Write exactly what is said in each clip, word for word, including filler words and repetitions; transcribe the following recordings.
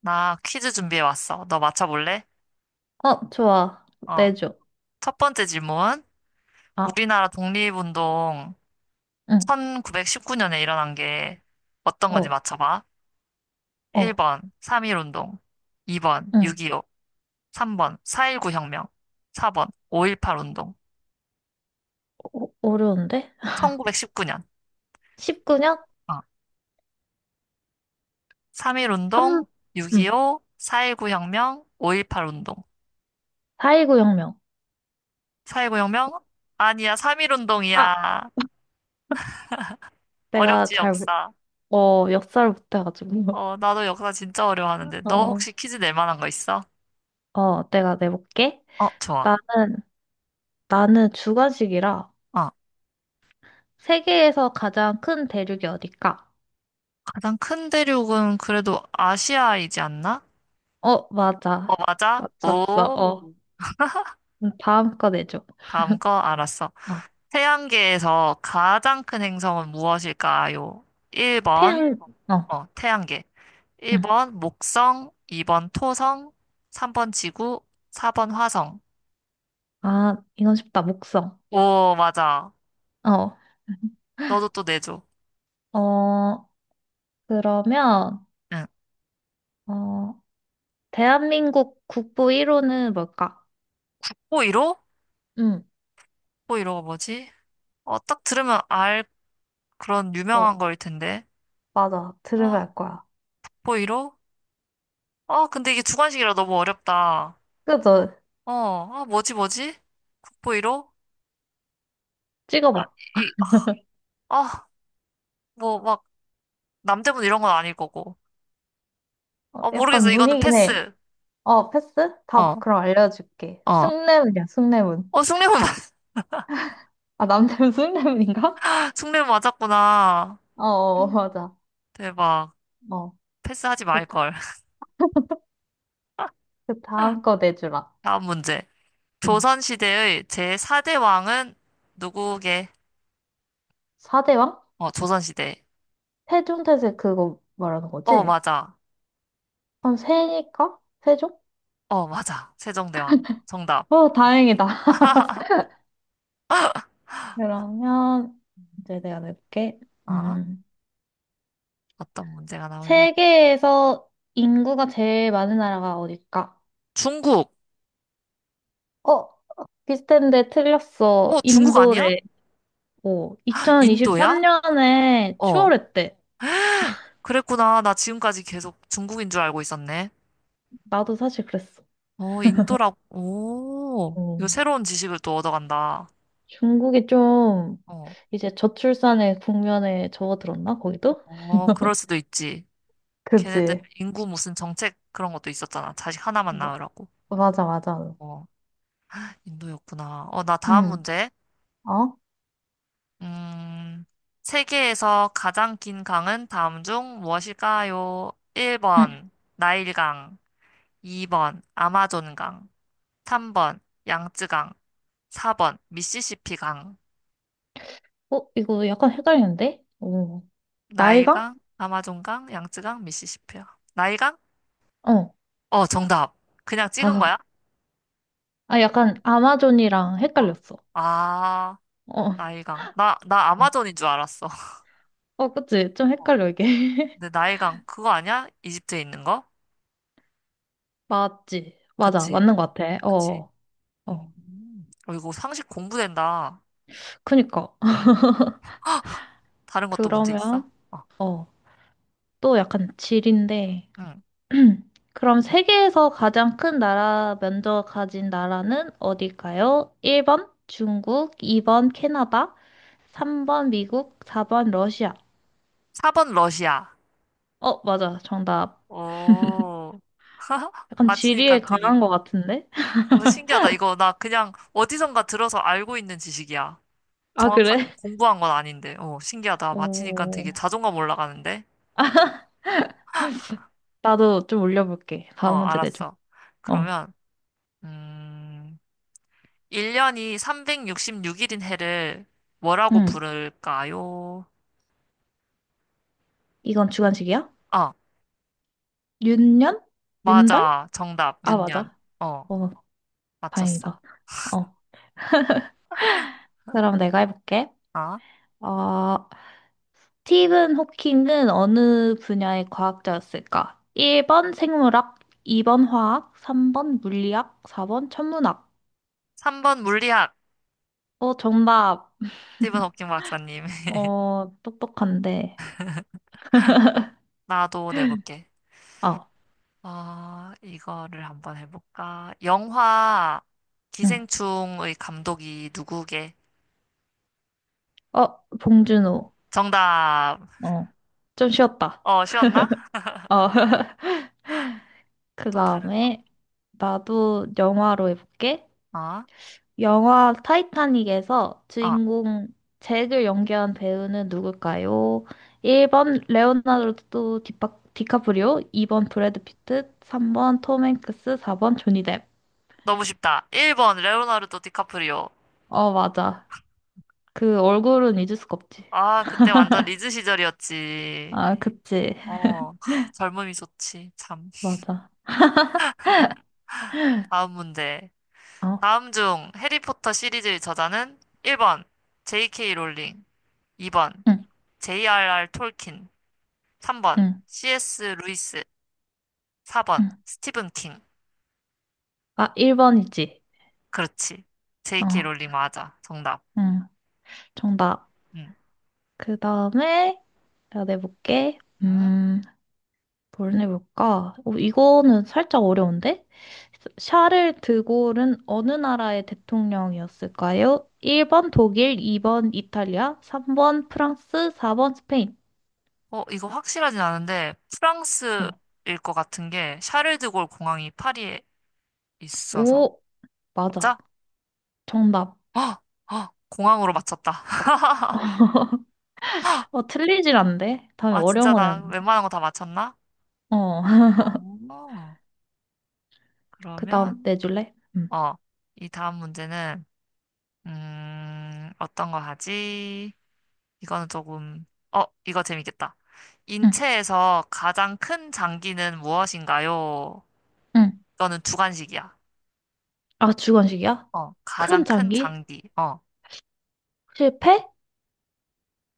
나 퀴즈 준비해 왔어. 너 맞춰볼래? 어, 좋아. 어. 내줘. 첫 번째 질문. 아, 우리나라 독립운동 응, 천구백십구 년에 일어난 게 어떤 건지 어, 맞춰봐. 어, 일 번 삼일운동, 이 번 응. 육이오, 삼 번 사일구 혁명, 사 번 오일팔 운동, 어, 어려운데? 천구백십구 년. 십구 년? 어. 삼, 삼일운동, 응. 육이오, 사일구 혁명, 오일팔 운동. 사일구 혁명. 사일구 혁명? 아니야, 삼일 아, 운동이야. 내가 어렵지, 잘, 모- 역사. 어, 역사를 못해가지고. 어, 나도 역사 진짜 어려워하는데. 너 어, 혹시 퀴즈 낼 만한 거 있어? 어, 내가 내볼게. 어, 좋아. 나는, 나는 주관식이라 어, 세계에서 가장 큰 대륙이 어딜까? 가장 큰 대륙은 그래도 아시아이지 않나? 어, 어, 맞아. 맞아? 맞췄어. 오, 어. 음, 다음 거 내줘. 다음 거 알았어. 어. 태양계에서 가장 큰 행성은 무엇일까요? 일 번, 태양, 어, 어, 태양계. 응. 일 번, 목성. 이 번, 토성. 삼 번, 지구. 사 번, 화성. 아, 이건 쉽다. 목성. 오, 맞아. 어. 너도 또 내줘. 어, 그러면, 응. 어, 대한민국 국부 일 호는 뭘까? 호이로? 응, 호이로가 뭐지? 어, 딱 들으면 알 그런 어, 유명한 거일 텐데. 맞아. 들으면 아, 알 거야. 북보이로? 아, 근데 이게 주관식이라 너무 어렵다. 그죠? 어, 아, 뭐지, 뭐지? 북보이로? 찍어봐. 이, 아, 뭐, 막, 남대문 이런 건 아닐 거고. 어, 어, 약간 모르겠어. 이거는 문이긴 해. 패스. 어, 패스? 답 어, 그럼 알려줄게. 어. 숭례문이야, 숭례문. 어, 숭례문, 아, 남대문 숭례문인가? 숭례문 맞았구나. 어, 어, 맞아. 대박. 어, 패스하지 됐다. 말걸. 그 다음 거 내주라. 다음 문제. 응. 조선시대의 제사 대 왕은 누구게? 사대왕? 어, 조선시대. 세종태세 그거 말하는 어, 거지? 맞아. 그럼 세니까? 세종? 어, 맞아. 세종대왕. 정답. 어, 다행이다. 그러면 이제 내가 낼게. 아. 음. 어떤 문제가 나오려? 세계에서 인구가 제일 많은 나라가 어딜까? 중국! 어, 비슷한데 틀렸어. 어, 중국 아니야? 인도래. 오, 인도야? 이천이십삼 년에 어, 추월했대. 그랬구나. 나 지금까지 계속 중국인 줄 알고 있었네. 나도 사실 그랬어. 어, 인도라고. 오, 어. 이거 새로운 지식을 또 얻어간다. 중국이 좀 어, 이제 저출산의 국면에 접어들었나? 거기도? 어, 그럴 수도 있지. 걔네들 그지? 인구 무슨 정책 그런 것도 있었잖아. 자식 하나만 낳으라고. 마- 맞아, 맞아. 어, 인도였구나. 어, 나 다음 응. 문제. 어? 음, 세계에서 가장 긴 강은 다음 중 무엇일까요? 응. 일 번, 나일강. 이 번 아마존강, 삼 번 양쯔강, 사 번 미시시피강, 어, 이거 약간 헷갈리는데? 오. 나이가 나일강, 아마존강, 양쯔강, 미시시피강. 나일강? 어. 어, 정답. 그냥 찍은 아, 거야? 아, 약간 아마존이랑 어. 헷갈렸어. 아, 어, 나일강. 나, 나 어, 아마존인 줄 알았어. 어, 그치? 좀 어. 헷갈려, 이게. 근데 나일강 그거 아니야? 이집트에 있는 거? 맞지? 맞아, 그치, 맞는 것 같아. 어, 그치. 어. 어. 음, 어, 이거 상식 공부된다. 그니까. 어. 다른 것도 문제 있어? 그러면, 어. 어, 또 약간 질인데. 응. 그럼 세계에서 가장 큰 나라 면적 가진 나라는 어딜까요? 일 번 중국, 이 번 캐나다, 삼 번 미국, 사 번 러시아. 사 번 러시아. 어, 맞아. 정답. 오. 약간 지리에 맞히니까 되게 강한 것 같은데? 어, 신기하다. 이거 나 그냥 어디선가 들어서 알고 있는 지식이야. 아, 정확하게 그래? 뭐 공부한 건 아닌데. 어, 신기하다. 맞히니까 오. 되게 자존감 올라가는데. 나도 좀 올려볼게. 어, 다음 문제 내줘. 알았어. 어. 그러면, 음, 일 년이 삼백육십육 일인 해를 뭐라고 응. 부를까요? 이건 주관식이야? 어, 윤년? 윤달? 맞아. 정답, 아, 윤년. 맞아. 어, 어, 맞췄어. 다행이다. 어. 그럼 내가 해볼게. 아, 어, 스티븐 호킹은 어느 분야의 과학자였을까? 일 번 생물학, 이 번 화학, 삼 번 물리학, 사 번 천문학. 삼 번 물리학. 어, 정답. 스티븐 호킹 박사님. 어, 똑똑한데. 나도 내볼게. 아, 아, 이거를 한번 해볼까? 영화 응. 기생충의 감독이 누구게? 어, 봉준호. 정답. 어. 좀 쉬웠다. 어, 쉬웠나? 어. 그 또 다른 다음에 나도 영화로 해볼게. 거. 어? 영화 타이타닉에서 어, 주인공 잭을 연기한 배우는 누굴까요? 일 번 레오나르도 디파, 디카프리오, 이 번 브래드 피트, 삼 번 톰 행크스, 사 번 조니 뎁. 너무 쉽다. 일 번 레오나르도 디카프리오. 어, 맞아. 그 얼굴은 잊을 수가 없지. 아, 그때 완전 리즈 시절이었지. 아, 그치. 어, 하, 젊음이 좋지. 참. 맞아. 다음 문제. 어, 다음 중 해리포터 시리즈의 저자는 일 번 제이케이 롤링, 이 번 응, 제이알알 톨킨, 삼 번 응, 씨에스 루이스. 사 번. 응. 스티븐 킹. 아, 일 번이지. 그렇지. 어, 제이케이 롤링 맞아. 정답. 응. 정답. 응. 그 다음에 내가 내볼게. 응? 음. 뭘 해볼까? 어, 이거는 살짝 어려운데? 샤를 드골은 어느 나라의 대통령이었을까요? 일 번 독일, 이 번 이탈리아, 삼 번 프랑스, 사 번 스페인. 어, 이거 확실하진 않은데, 프랑스일 어. 것 같은 게, 샤를드골 공항이 파리에 있어서. 오, 맞아. 맞아? 정답. 어, 어, 공항으로 맞췄다. 어, 틀리질 않는데? 다음에 아, 어려운 진짜 거 나 내야겠는데. 웬만한 거 다 맞췄나? 어, 어, 그 다음 그러면, 내줄래? 응, 어, 이 다음 문제는, 음, 어떤 거 하지? 이거는 조금, 어, 이거 재밌겠다. 응, 인체에서 가장 큰 장기는 무엇인가요? 응. 너는 주관식이야. 아, 주관식이야? 어, 가장 큰 큰 장기? 장기. 어, 실패?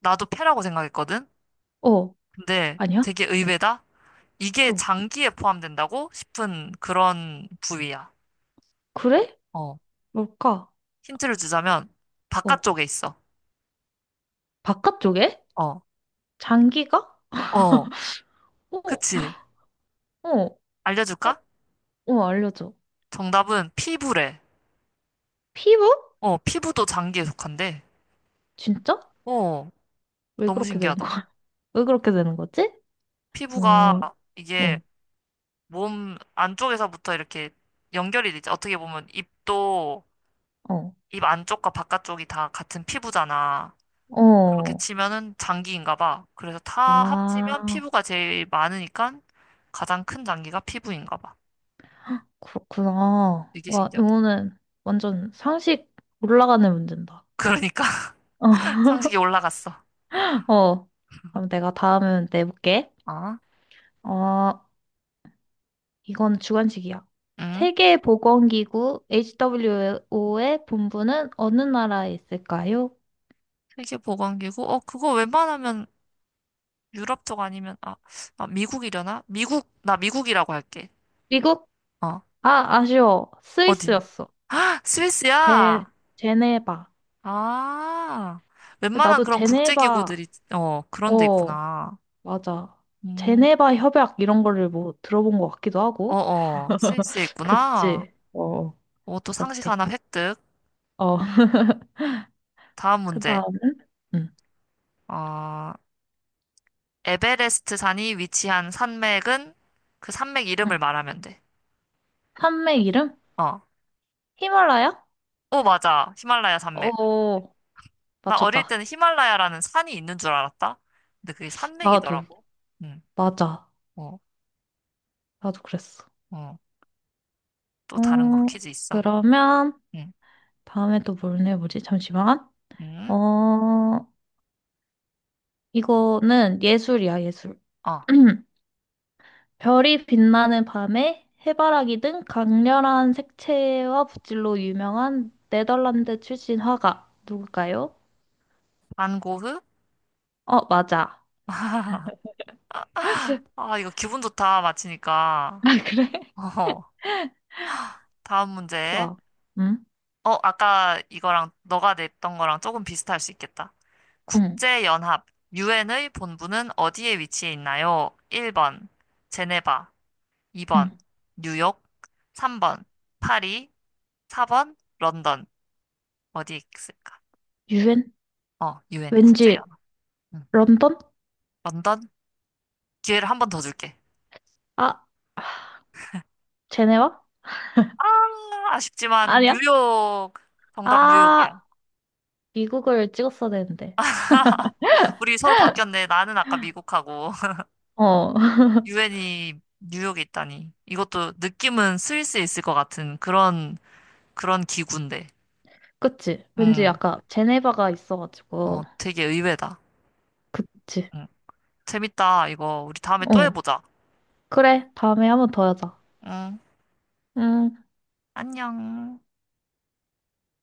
나도 패라고 생각했거든? 어, 근데 아니야? 되게 의외다? 이게 어, 장기에 포함된다고 싶은 그런 부위야. 그래? 어, 뭘까? 힌트를 주자면 어, 바깥쪽에 있어. 바깥쪽에? 어, 장기가? 어, 어? 그치. 어, 어, 알려줄까? 어, 알려줘. 정답은 피부래. 피부? 어, 피부도 장기에 속한데. 진짜? 어, 왜 너무 그렇게 되는 거야? 신기하다. 왜 그렇게 되는 거지? 피부가 음, 이게 응, 몸 안쪽에서부터 이렇게 연결이 되지. 어떻게 보면 입도 어, 입 안쪽과 바깥쪽이 다 같은 피부잖아. 그렇게 어. 치면은 장기인가 봐. 그래서 다 합치면 아, 피부가 제일 많으니까 가장 큰 장기가 피부인가 봐. 그렇구나. 되게 와, 신기하다. 이거는 완전 상식 올라가는 문제다. 그러니까 상식이 올라갔어. 어, 어. 그럼 내가 다음은 내볼게. 어? 어, 이건 주관식이야. 응? 세계보건기구 에이치 더블유 오의 본부는 어느 나라에 있을까요? 세계보건기구? 어, 그거 웬만하면 유럽 쪽 아니면, 아, 아, 미국이려나? 미국, 나 미국이라고 할게. 미국? 어, 아, 아쉬워. 어딘? 스위스였어. 제, 스위스야! 제네바. 아, 웬만한 나도 그런 제네바, 국제기구들이, 어, 그런 데 어, 있구나. 맞아. 음, 제네바 협약 이런 거를 뭐 들어본 것 같기도 하고. 어어, 스위스에 있구나. 그치. 어, 오, 또 상식 그렇대. 하나 획득. 어, 다음 그 문제. 다음은? 응. 어, 에베레스트 산이 위치한 산맥은 그 산맥 응. 이름을 말하면 돼. 산맥 이름? 어. 히말라야? 오, 맞아. 히말라야 산맥. 어, 나 어릴 때는 맞췄다. 히말라야라는 산이 있는 줄 알았다. 근데 그게 나도, 산맥이더라고. 응, 맞아. 어, 나도 그랬어. 어. 또 어, 다른 거 퀴즈 있어. 그러면 응, 다음에 또 뭘 내보지? 잠시만. 응. 어, 이거는 예술이야, 예술. 어, 별이 빛나는 밤에 해바라기 등 강렬한 색채와 붓질로 유명한 네덜란드 출신 화가 누굴까요? 반 고흐? 어, 맞아. 아, 이거 기분 좋다. 맞히니까. 아, 그래? 어, 다음 문제. 좋아. 응? 어, 아까 이거랑 너가 냈던 거랑 조금 비슷할 수 있겠다. 응, 국제연합, 유엔의 본부는 어디에 위치해 있나요? 일 번, 제네바, 응. 이 번, 뉴욕, 삼 번, 파리, 사 번, 런던. 어디에 있을까? 유엔? 어, 유엔, 왠지 국제연합. 응. 런던? 런던? 기회를 한 번 더 줄게. 아, 아, 제네와? 아, 아쉽지만 아니야? 뉴욕. 정답 뉴욕이야. 아, 미국을 찍었어야 되는데. 우리 서로 바뀌었네. 나는 아까 미국하고. 어, 유엔이 뉴욕에 있다니. 이것도 느낌은 스위스에 있을 것 같은 그런, 그런 기구인데. 그치. 왠지 음, 약간 제네바가 있어가지고. 어, 되게 의외다. 그치. 음, 재밌다. 이거 우리 다음에 또 어. 해보자. 그래, 다음에 한번 더 하자. 응, 음. 안녕.